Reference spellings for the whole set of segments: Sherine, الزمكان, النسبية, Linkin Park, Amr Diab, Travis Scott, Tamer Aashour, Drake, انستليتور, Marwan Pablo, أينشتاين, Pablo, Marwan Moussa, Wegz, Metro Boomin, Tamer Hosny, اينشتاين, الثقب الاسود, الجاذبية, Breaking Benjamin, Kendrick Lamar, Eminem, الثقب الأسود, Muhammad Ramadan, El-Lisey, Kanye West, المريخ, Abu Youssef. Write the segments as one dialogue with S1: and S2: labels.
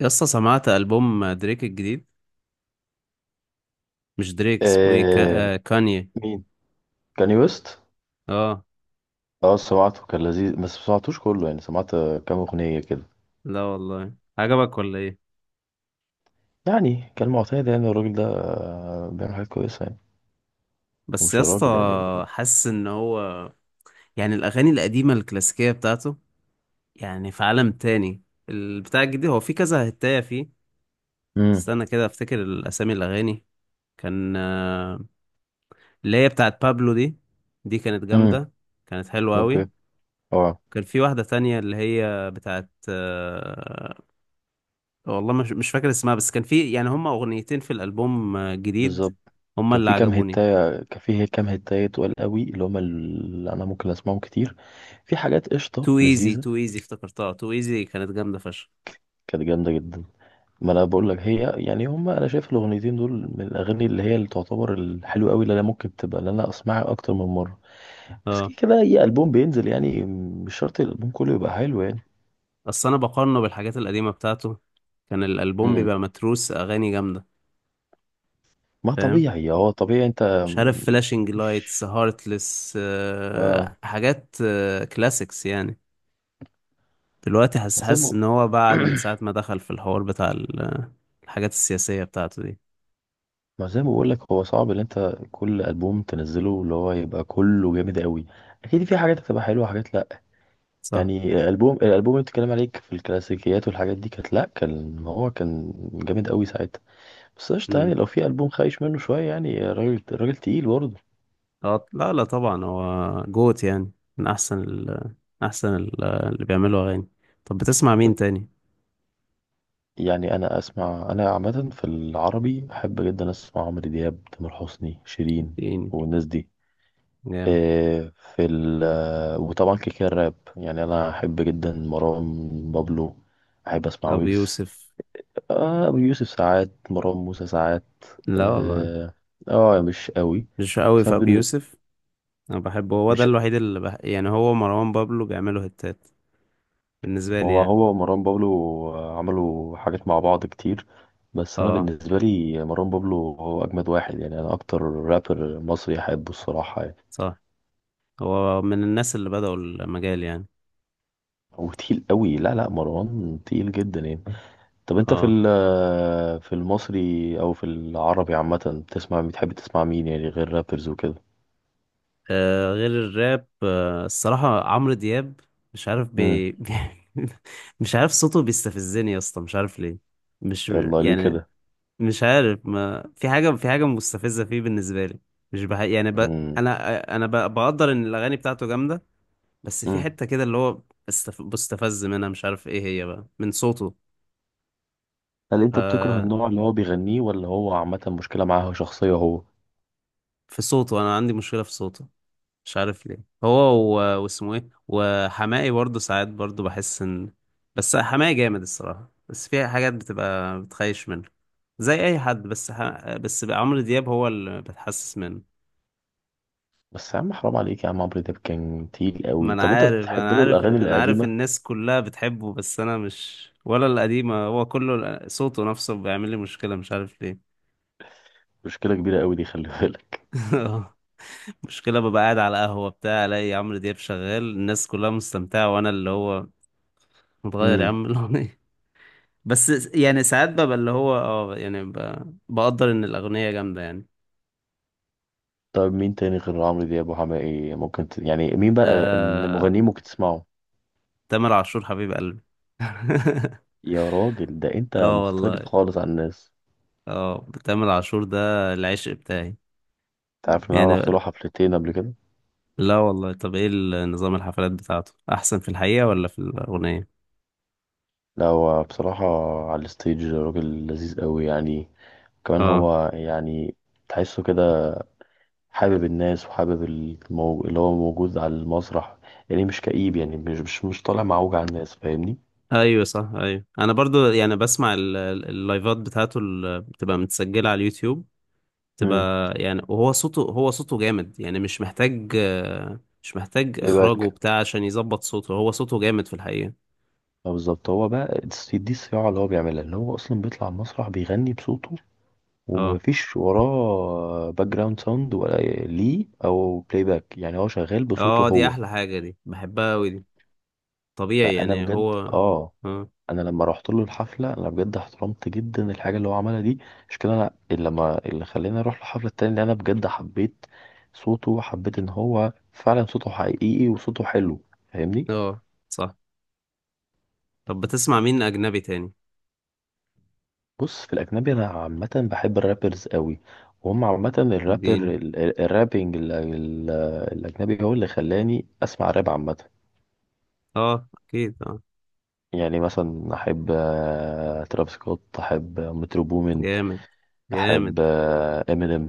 S1: يسطا، سمعت ألبوم دريك الجديد؟ مش دريك، اسمه ايه،
S2: آه
S1: كا... آه كانيه.
S2: مين كاني ويست؟
S1: اه.
S2: اه سمعته، كان لذيذ بس ما سمعتوش كله. يعني سمعت كام اغنيه كده.
S1: لا والله، عجبك ولا ايه؟
S2: يعني كان معتاد، يعني الراجل ده بيعمل حاجات كويسه يعني.
S1: بس
S2: ومش الراجل
S1: يسطا،
S2: يعني.
S1: حاسس ان هو يعني الأغاني القديمة الكلاسيكية بتاعته، يعني في عالم تاني. البتاع الجديد هو في كذا هتاية فيه.
S2: امم
S1: استنى كده افتكر الأسامي الأغاني. كان، اللي هي بتاعت بابلو، دي دي كانت
S2: امم
S1: جامدة، كانت حلوة
S2: اوكي،
S1: أوي.
S2: اه
S1: كان في واحدة تانية اللي هي بتاعت، والله مش فاكر اسمها، بس كان في يعني هما اغنيتين في الالبوم جديد.
S2: بالظبط.
S1: هما
S2: كان
S1: اللي
S2: في كام
S1: عجبوني.
S2: هتاية، كان في كام هتاية تقال قوي، اللي هما اللي انا ممكن اسمعهم كتير. في حاجات قشطه
S1: تو ايزي،
S2: لذيذه.
S1: تو ايزي، افتكرتها تو ايزي، كانت جامده فشخ.
S2: كانت جامده جدا. ما انا بقول لك، هي يعني هما، انا شايف الاغنيتين دول من الاغاني اللي هي اللي تعتبر الحلوه قوي، اللي انا ممكن تبقى اللي انا اسمعها اكتر من مره. بس
S1: اه.
S2: كده كده اي البوم بينزل يعني، مش شرط الالبوم كله يبقى حلو يعني.
S1: اصل انا بقارنه بالحاجات القديمه بتاعته، كان الالبوم
S2: امم
S1: بيبقى متروس اغاني جامده.
S2: ما
S1: فاهم.
S2: طبيعي، هو طبيعي. انت
S1: مش عارف، فلاشنج
S2: مش،
S1: لايتس، هارتلس،
S2: اه،
S1: حاجات كلاسيكس يعني. دلوقتي حاسس
S2: ما زي
S1: حاسس
S2: ما،
S1: ان هو بعد من ساعه ما دخل في الحوار بتاع الحاجات السياسيه بتاعته دي.
S2: ما زي ما بقول لك، هو صعب ان انت كل البوم تنزله اللي هو يبقى كله جامد قوي. اكيد في حاجات هتبقى حلوه وحاجات لا.
S1: صح.
S2: يعني الالبوم، الالبوم اللي بتتكلم عليك في الكلاسيكيات والحاجات دي، كانت لا كان هو كان جامد قوي ساعتها. بس قشطه يعني،
S1: مم.
S2: لو في البوم خايش منه شويه يعني، راجل راجل تقيل برضه.
S1: اه، لا، لا، طبعا هو جوت يعني، من احسن ال اللي بيعملوا اغاني. طب بتسمع مين تاني؟
S2: يعني انا اسمع، انا عامه في العربي بحب جدا اسمع عمرو دياب، تامر حسني، شيرين
S1: يعني
S2: والناس دي.
S1: جامد.
S2: إيه، في ال، وطبعا كده كده الراب، يعني انا احب جدا مروان بابلو، احب اسمع
S1: ابو
S2: ويجز.
S1: يوسف.
S2: ابو يوسف ساعات، مروان موسى ساعات.
S1: لا والله،
S2: اه، مش قوي.
S1: مش قوي
S2: بس
S1: في
S2: أنا
S1: ابو
S2: بالنسبه،
S1: يوسف. انا بحبه، هو ده
S2: مش،
S1: الوحيد اللي يعني هو مروان بابلو بيعملوا هتات بالنسبه لي
S2: هو
S1: يعني.
S2: هو ومروان بابلو عملوا حاجات مع بعض كتير. بس انا
S1: اه،
S2: بالنسبه لي مروان بابلو هو اجمد واحد يعني، انا اكتر رابر مصري احبه الصراحه يعني.
S1: صح، هو من الناس اللي بدأوا المجال يعني.
S2: هو تقيل قوي، لا لا، مروان تقيل جدا يعني. طب انت في
S1: اه.
S2: في المصري او في العربي عامه، بتسمع، بتحب تسمع مين يعني، غير رابرز وكده؟
S1: غير الراب، الصراحه عمرو دياب، مش عارف
S2: امم
S1: بي... مش عارف صوته بيستفزني يا اسطى، مش عارف ليه. مش
S2: يلا ليه
S1: يعني
S2: كده؟
S1: مش عارف، ما في حاجة، في حاجة مستفزة فيه بالنسبة لي. مش يعني
S2: امم
S1: أنا بقدر إن الأغاني بتاعته جامدة، بس في
S2: امم
S1: حتة كده اللي هو بستفز منها، مش عارف إيه هي بقى من صوته.
S2: هل انت بتكره
S1: آه...
S2: النوع اللي هو بيغنيه، ولا هو عامه مشكله معاه شخصيه هو؟
S1: في صوته، أنا عندي مشكلة في صوته، مش عارف ليه. هو و... واسمه إيه، وحماقي برضه ساعات برضه بحس إن، بس حماقي جامد الصراحة، بس في حاجات بتبقى بتخيش منه زي أي حد، بس بس عمرو دياب هو اللي بتحسس منه.
S2: بس يا عم، حرام عليك يا عم، عمرو دياب كان تقيل
S1: ما
S2: قوي.
S1: انا
S2: طب انت
S1: عارف
S2: بتحب
S1: انا
S2: له
S1: عارف
S2: الاغاني
S1: انا عارف
S2: القديمه؟
S1: الناس كلها بتحبه، بس انا مش، ولا القديمة، هو كله صوته نفسه بيعمل لي مشكلة، مش عارف ليه.
S2: مشكله كبيره قوي دي، خلي بالك.
S1: مشكلة، ببقى قاعد على قهوة بتاع، الاقي عمرو دياب شغال، الناس كلها مستمتعة وانا اللي هو، متغير يا
S2: امم
S1: عم الاغنية. بس، يعني ساعات ببقى اللي هو اه يعني بقدر ان الاغنية جامدة يعني.
S2: طب مين تاني غير عمرو دياب وحماقي ممكن ت... يعني مين بقى
S1: آه...
S2: المغنيين ممكن تسمعه؟
S1: تامر عاشور، حبيب قلبي.
S2: يا راجل ده انت
S1: اه والله،
S2: مختلف خالص عن الناس.
S1: اه تامر عاشور ده العشق بتاعي.
S2: انت عارف ان انا
S1: يعني،
S2: رحت له حفلتين قبل كده؟
S1: لا والله، طب ايه نظام الحفلات بتاعته احسن في الحقيقة ولا في الأغنية؟
S2: لا هو بصراحه على الستيج راجل لذيذ قوي يعني. كمان
S1: اه،
S2: هو يعني تحسه كده، حابب الناس وحابب المو... اللي هو موجود على المسرح. يعني مش كئيب يعني، مش طالع معوج على الناس، فاهمني.
S1: ايوه صح، ايوه، انا برضو يعني بسمع اللايفات بتاعته اللي بتبقى متسجلة على اليوتيوب،
S2: امم
S1: بتبقى يعني، وهو صوته، هو صوته جامد يعني، مش محتاج
S2: بلاي
S1: اخراجه
S2: باك.
S1: وبتاع عشان يظبط صوته، هو صوته جامد في الحقيقة.
S2: بالظبط، هو بقى دي دي الصياعه اللي هو بيعملها، ان هو اصلا بيطلع المسرح بيغني بصوته،
S1: اه،
S2: ومفيش وراه باك جراوند ساوند ولا ليه او بلاي باك. يعني هو شغال بصوته
S1: اه دي
S2: هو.
S1: احلى حاجة، دي بحبها قوي دي، طبيعي
S2: فانا
S1: يعني
S2: بجد
S1: هو.
S2: اه،
S1: اه،
S2: انا لما رحت له الحفله انا بجد احترمت جدا الحاجه اللي هو عملها دي. مش كده، انا اللي لما، اللي خلاني اروح الحفله التانية، اللي انا بجد حبيت صوته، وحبيت ان هو فعلا صوته حقيقي وصوته حلو. فاهمني.
S1: اه صح. طب بتسمع مين اجنبي تاني؟
S2: بص في الأجنبي أنا عامة بحب الرابرز قوي، وهم عامة الرابر
S1: الدين،
S2: الرابينج الأجنبي هو اللي خلاني أسمع راب عامة.
S1: اه اكيد اه،
S2: يعني مثلا أحب تراب سكوت، أحب مترو بومين،
S1: جامد، جامد،
S2: أحب إمينيم.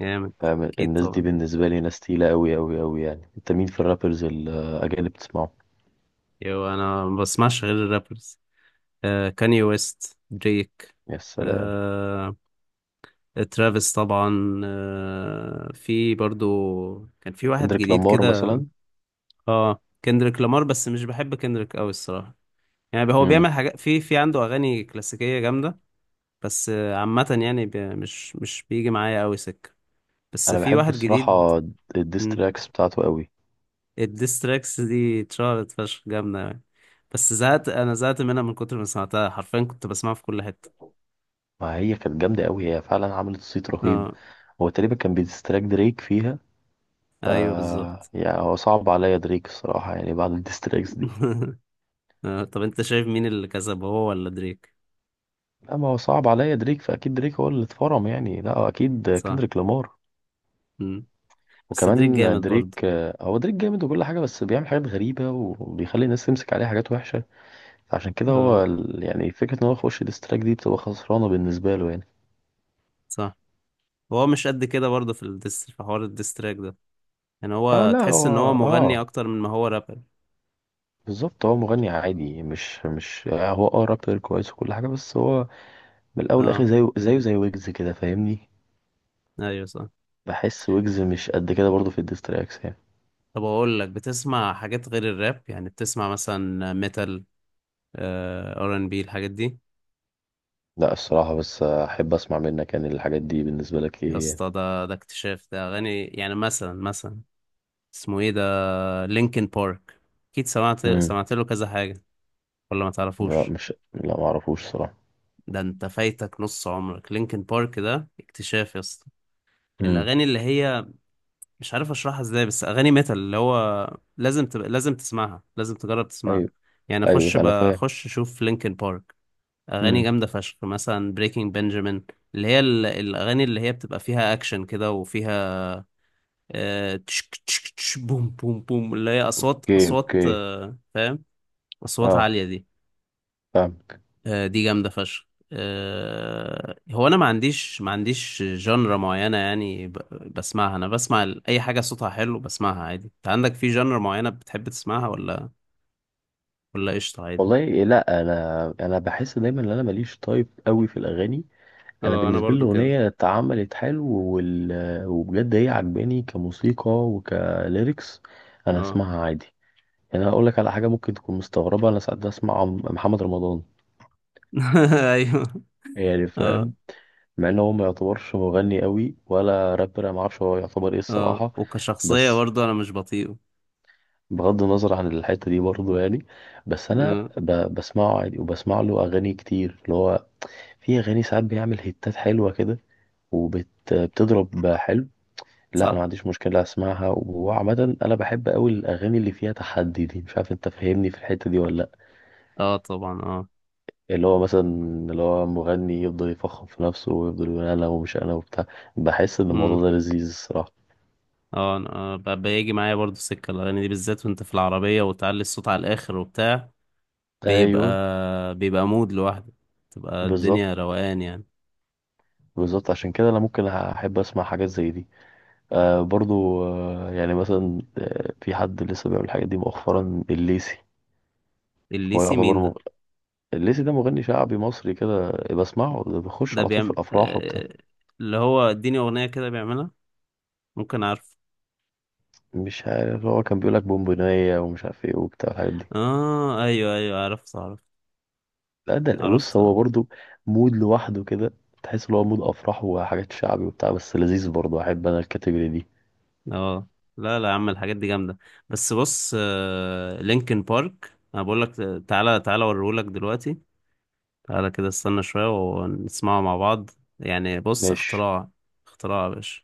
S1: جامد.
S2: فاهم،
S1: اكيد
S2: الناس دي
S1: طبعا،
S2: بالنسبة لي ناس تقيلة قوي قوي قوي يعني. أنت مين في الرابرز الأجانب بتسمعه؟
S1: يو، انا ما بسمعش غير الرابرز، كاني ويست، دريك،
S2: يا سلام.
S1: آه ترافيس طبعا، في برضو، كان في واحد
S2: كندريك
S1: جديد
S2: لامار
S1: كده.
S2: مثلا.
S1: اه، كندريك لامار بس مش بحب كندريك قوي الصراحة، يعني هو
S2: مم.
S1: بيعمل حاجات في، عنده اغاني كلاسيكية جامدة، بس عامة يعني مش بيجي معايا قوي سكة، بس
S2: أنا
S1: في
S2: بحب
S1: واحد جديد.
S2: الصراحة
S1: مم.
S2: الديستراكس بتاعته قوي.
S1: الديستراكس دي اتشهرت فشخ، جامدة يعني، بس زهقت، أنا زهقت منها من كتر ما سمعتها، حرفيا كنت بسمعها في كل حتة.
S2: ما هي كانت جامدة قوي، هي فعلا عملت صيت رهيب.
S1: اه
S2: هو تقريبا كان بيديستراك دريك فيها. ف
S1: أيوه بالظبط.
S2: يعني هو صعب عليا دريك الصراحة، يعني بعد الديستراكس دي.
S1: طب أنت شايف مين اللي كسب، هو ولا دريك؟
S2: لا، ما هو صعب عليا دريك، فأكيد دريك هو اللي اتفرم يعني. لا أكيد
S1: صح.
S2: كندريك لامار.
S1: مم. بس دريك
S2: وكمان
S1: جامد
S2: دريك.
S1: برضه.
S2: هو دريك جامد وكل حاجة، بس بيعمل حاجات غريبة وبيخلي الناس تمسك عليه حاجات وحشة. عشان كده هو
S1: اه
S2: يعني فكرة إن هو يخش ديستراك دي بتبقى خسرانة بالنسبة له يعني.
S1: صح، هو مش قد كده برضه، في في حوار الديستراك ده، يعني
S2: اه
S1: هو
S2: لا هو،
S1: تحس إن هو مغني
S2: اه،
S1: أكتر من ما هو رابر.
S2: بالظبط، هو مغني عادي، مش مش هو اه رابر كويس وكل حاجة، بس هو من الأول لآخر
S1: اه
S2: زيه، زيه زي ويجز كده، فاهمني.
S1: أيوه صح.
S2: بحس ويجز مش قد كده برضو في الديستراكس يعني.
S1: طب أقول لك، بتسمع حاجات غير الراب، يعني بتسمع مثلا ميتال، R&B الحاجات دي؟
S2: لا الصراحة، بس أحب أسمع منك يعني، الحاجات دي بالنسبة لك
S1: يا
S2: إيه يعني؟
S1: اسطى، ده اكتشاف، ده اغاني يعني مثلا اسمه ايه ده، لينكن بارك، اكيد سمعت
S2: امم
S1: سمعت له كذا حاجه، ولا ما
S2: لا
S1: تعرفوش؟
S2: مش، لا معرفوش صراحة.
S1: ده انت فايتك نص عمرك، لينكن بارك ده اكتشاف يا اسطى.
S2: امم
S1: الاغاني اللي هي، مش عارف اشرحها ازاي، بس اغاني ميتال اللي هو لازم تسمعها، لازم تجرب تسمعها،
S2: أيوه،
S1: يعني اخش
S2: أيوه أنا فاهم.
S1: بخش اشوف لينكن بارك. اغاني
S2: امم
S1: جامده فشخ، مثلا بريكنج بنجامين، اللي هي الاغاني اللي هي بتبقى فيها اكشن كده وفيها، تشك تشك تش، بوم بوم بوم، اللي هي اصوات،
S2: أوكي
S1: اصوات،
S2: أوكي.
S1: فاهم؟ اصوات
S2: أه،
S1: عاليه دي،
S2: فاهمك.
S1: دي جامده فشخ. هو انا ما عنديش جنرا معينه، يعني بسمعها، انا بسمع اي حاجه صوتها حلو بسمعها عادي، انت عندك في جنرا معينه بتحب تسمعها، ولا ولا قشطه عادي؟
S2: والله لا، انا بحس دايما ان انا ماليش طيب قوي في الاغاني. انا
S1: اه انا
S2: بالنسبه لي
S1: برضو كده.
S2: الاغنيه اتعملت حلو، وال... وبجد هي عجباني كموسيقى وكليركس، انا
S1: اه.
S2: اسمعها عادي. يعني انا اقول لك على حاجه ممكن تكون مستغربه، انا ساعات بسمع عم- محمد رمضان.
S1: ايوه.
S2: يعني
S1: اه.
S2: فاهم، مع ان هو ما يعتبرش مغني قوي ولا رابر، انا ما اعرفش هو يعتبر ايه
S1: اه
S2: الصراحه.
S1: وكشخصيه
S2: بس،
S1: برضو انا مش بطيئه.
S2: بغض النظر عن الحته دي برضه يعني، بس انا
S1: آه،
S2: ب... بسمعه عادي وبسمع له اغاني كتير اللي هو، في اغاني ساعات بيعمل هيتات حلوه كده، وبت بتضرب حلو. لا انا ما
S1: صح.
S2: عنديش مشكله اسمعها. وعامه انا بحب قوي الاغاني اللي فيها تحدي دي، مش عارف انت فاهمني في الحته دي ولا لا.
S1: اه طبعا اه.
S2: اللي هو مثلا، اللي هو مغني يفضل يفخم في نفسه، ويفضل يقول انا ومش انا وبتاع. بحس ان الموضوع ده لذيذ الصراحه.
S1: اه انا بيجي معايا برضو سكة الأغاني دي بالذات، وانت في العربية وتعلي الصوت على الآخر وبتاع،
S2: ايوه
S1: بيبقى بيبقى مود لوحده، تبقى
S2: بالظبط.
S1: الدنيا روقان يعني.
S2: بالظبط عشان كده انا ممكن احب اسمع حاجات زي دي. آه برضو، آه يعني مثلا، آه في حد لسه بيعمل الحاجات دي مؤخرا، الليسي. هو
S1: الليسي
S2: يعتبر
S1: مين
S2: مغ...
S1: ده؟
S2: الليسي ده مغني شعبي مصري كده بسمعه، ده بيخش
S1: ده
S2: على طول في
S1: بيعمل،
S2: الافراح وبتاع.
S1: اللي هو، اديني أغنية كده بيعملها، ممكن عارف؟
S2: مش عارف، هو كان بيقول لك بونبونية ومش عارف ايه وبتاع الحاجات دي.
S1: اه ايوه، ايوه، عرفت، عرفت،
S2: لا ده بص،
S1: عرفت
S2: هو
S1: اه.
S2: برضو مود لوحده كده، تحس ان هو مود افراح وحاجات شعبي وبتاع، بس لذيذ برضو، احب انا الكاتيجوري دي.
S1: آه. لا، لا يا عم، الحاجات دي جامدة، بس بص، لينكن بارك انا بقول لك، تعالى، تعالى اوريهولك دلوقتي، تعالى كده استنى شوية ونسمعه مع بعض، يعني بص
S2: ماشي.
S1: اختراع، اختراع يا باشا.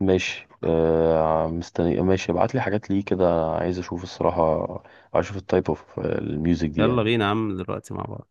S2: ماشي آه، مستني. ماشي، ابعت لي حاجات ليه كده، عايز اشوف الصراحة. عايز اشوف التايب اوف الميوزك دي
S1: يلا
S2: يعني.
S1: بينا يا عم، دلوقتي مع بعض.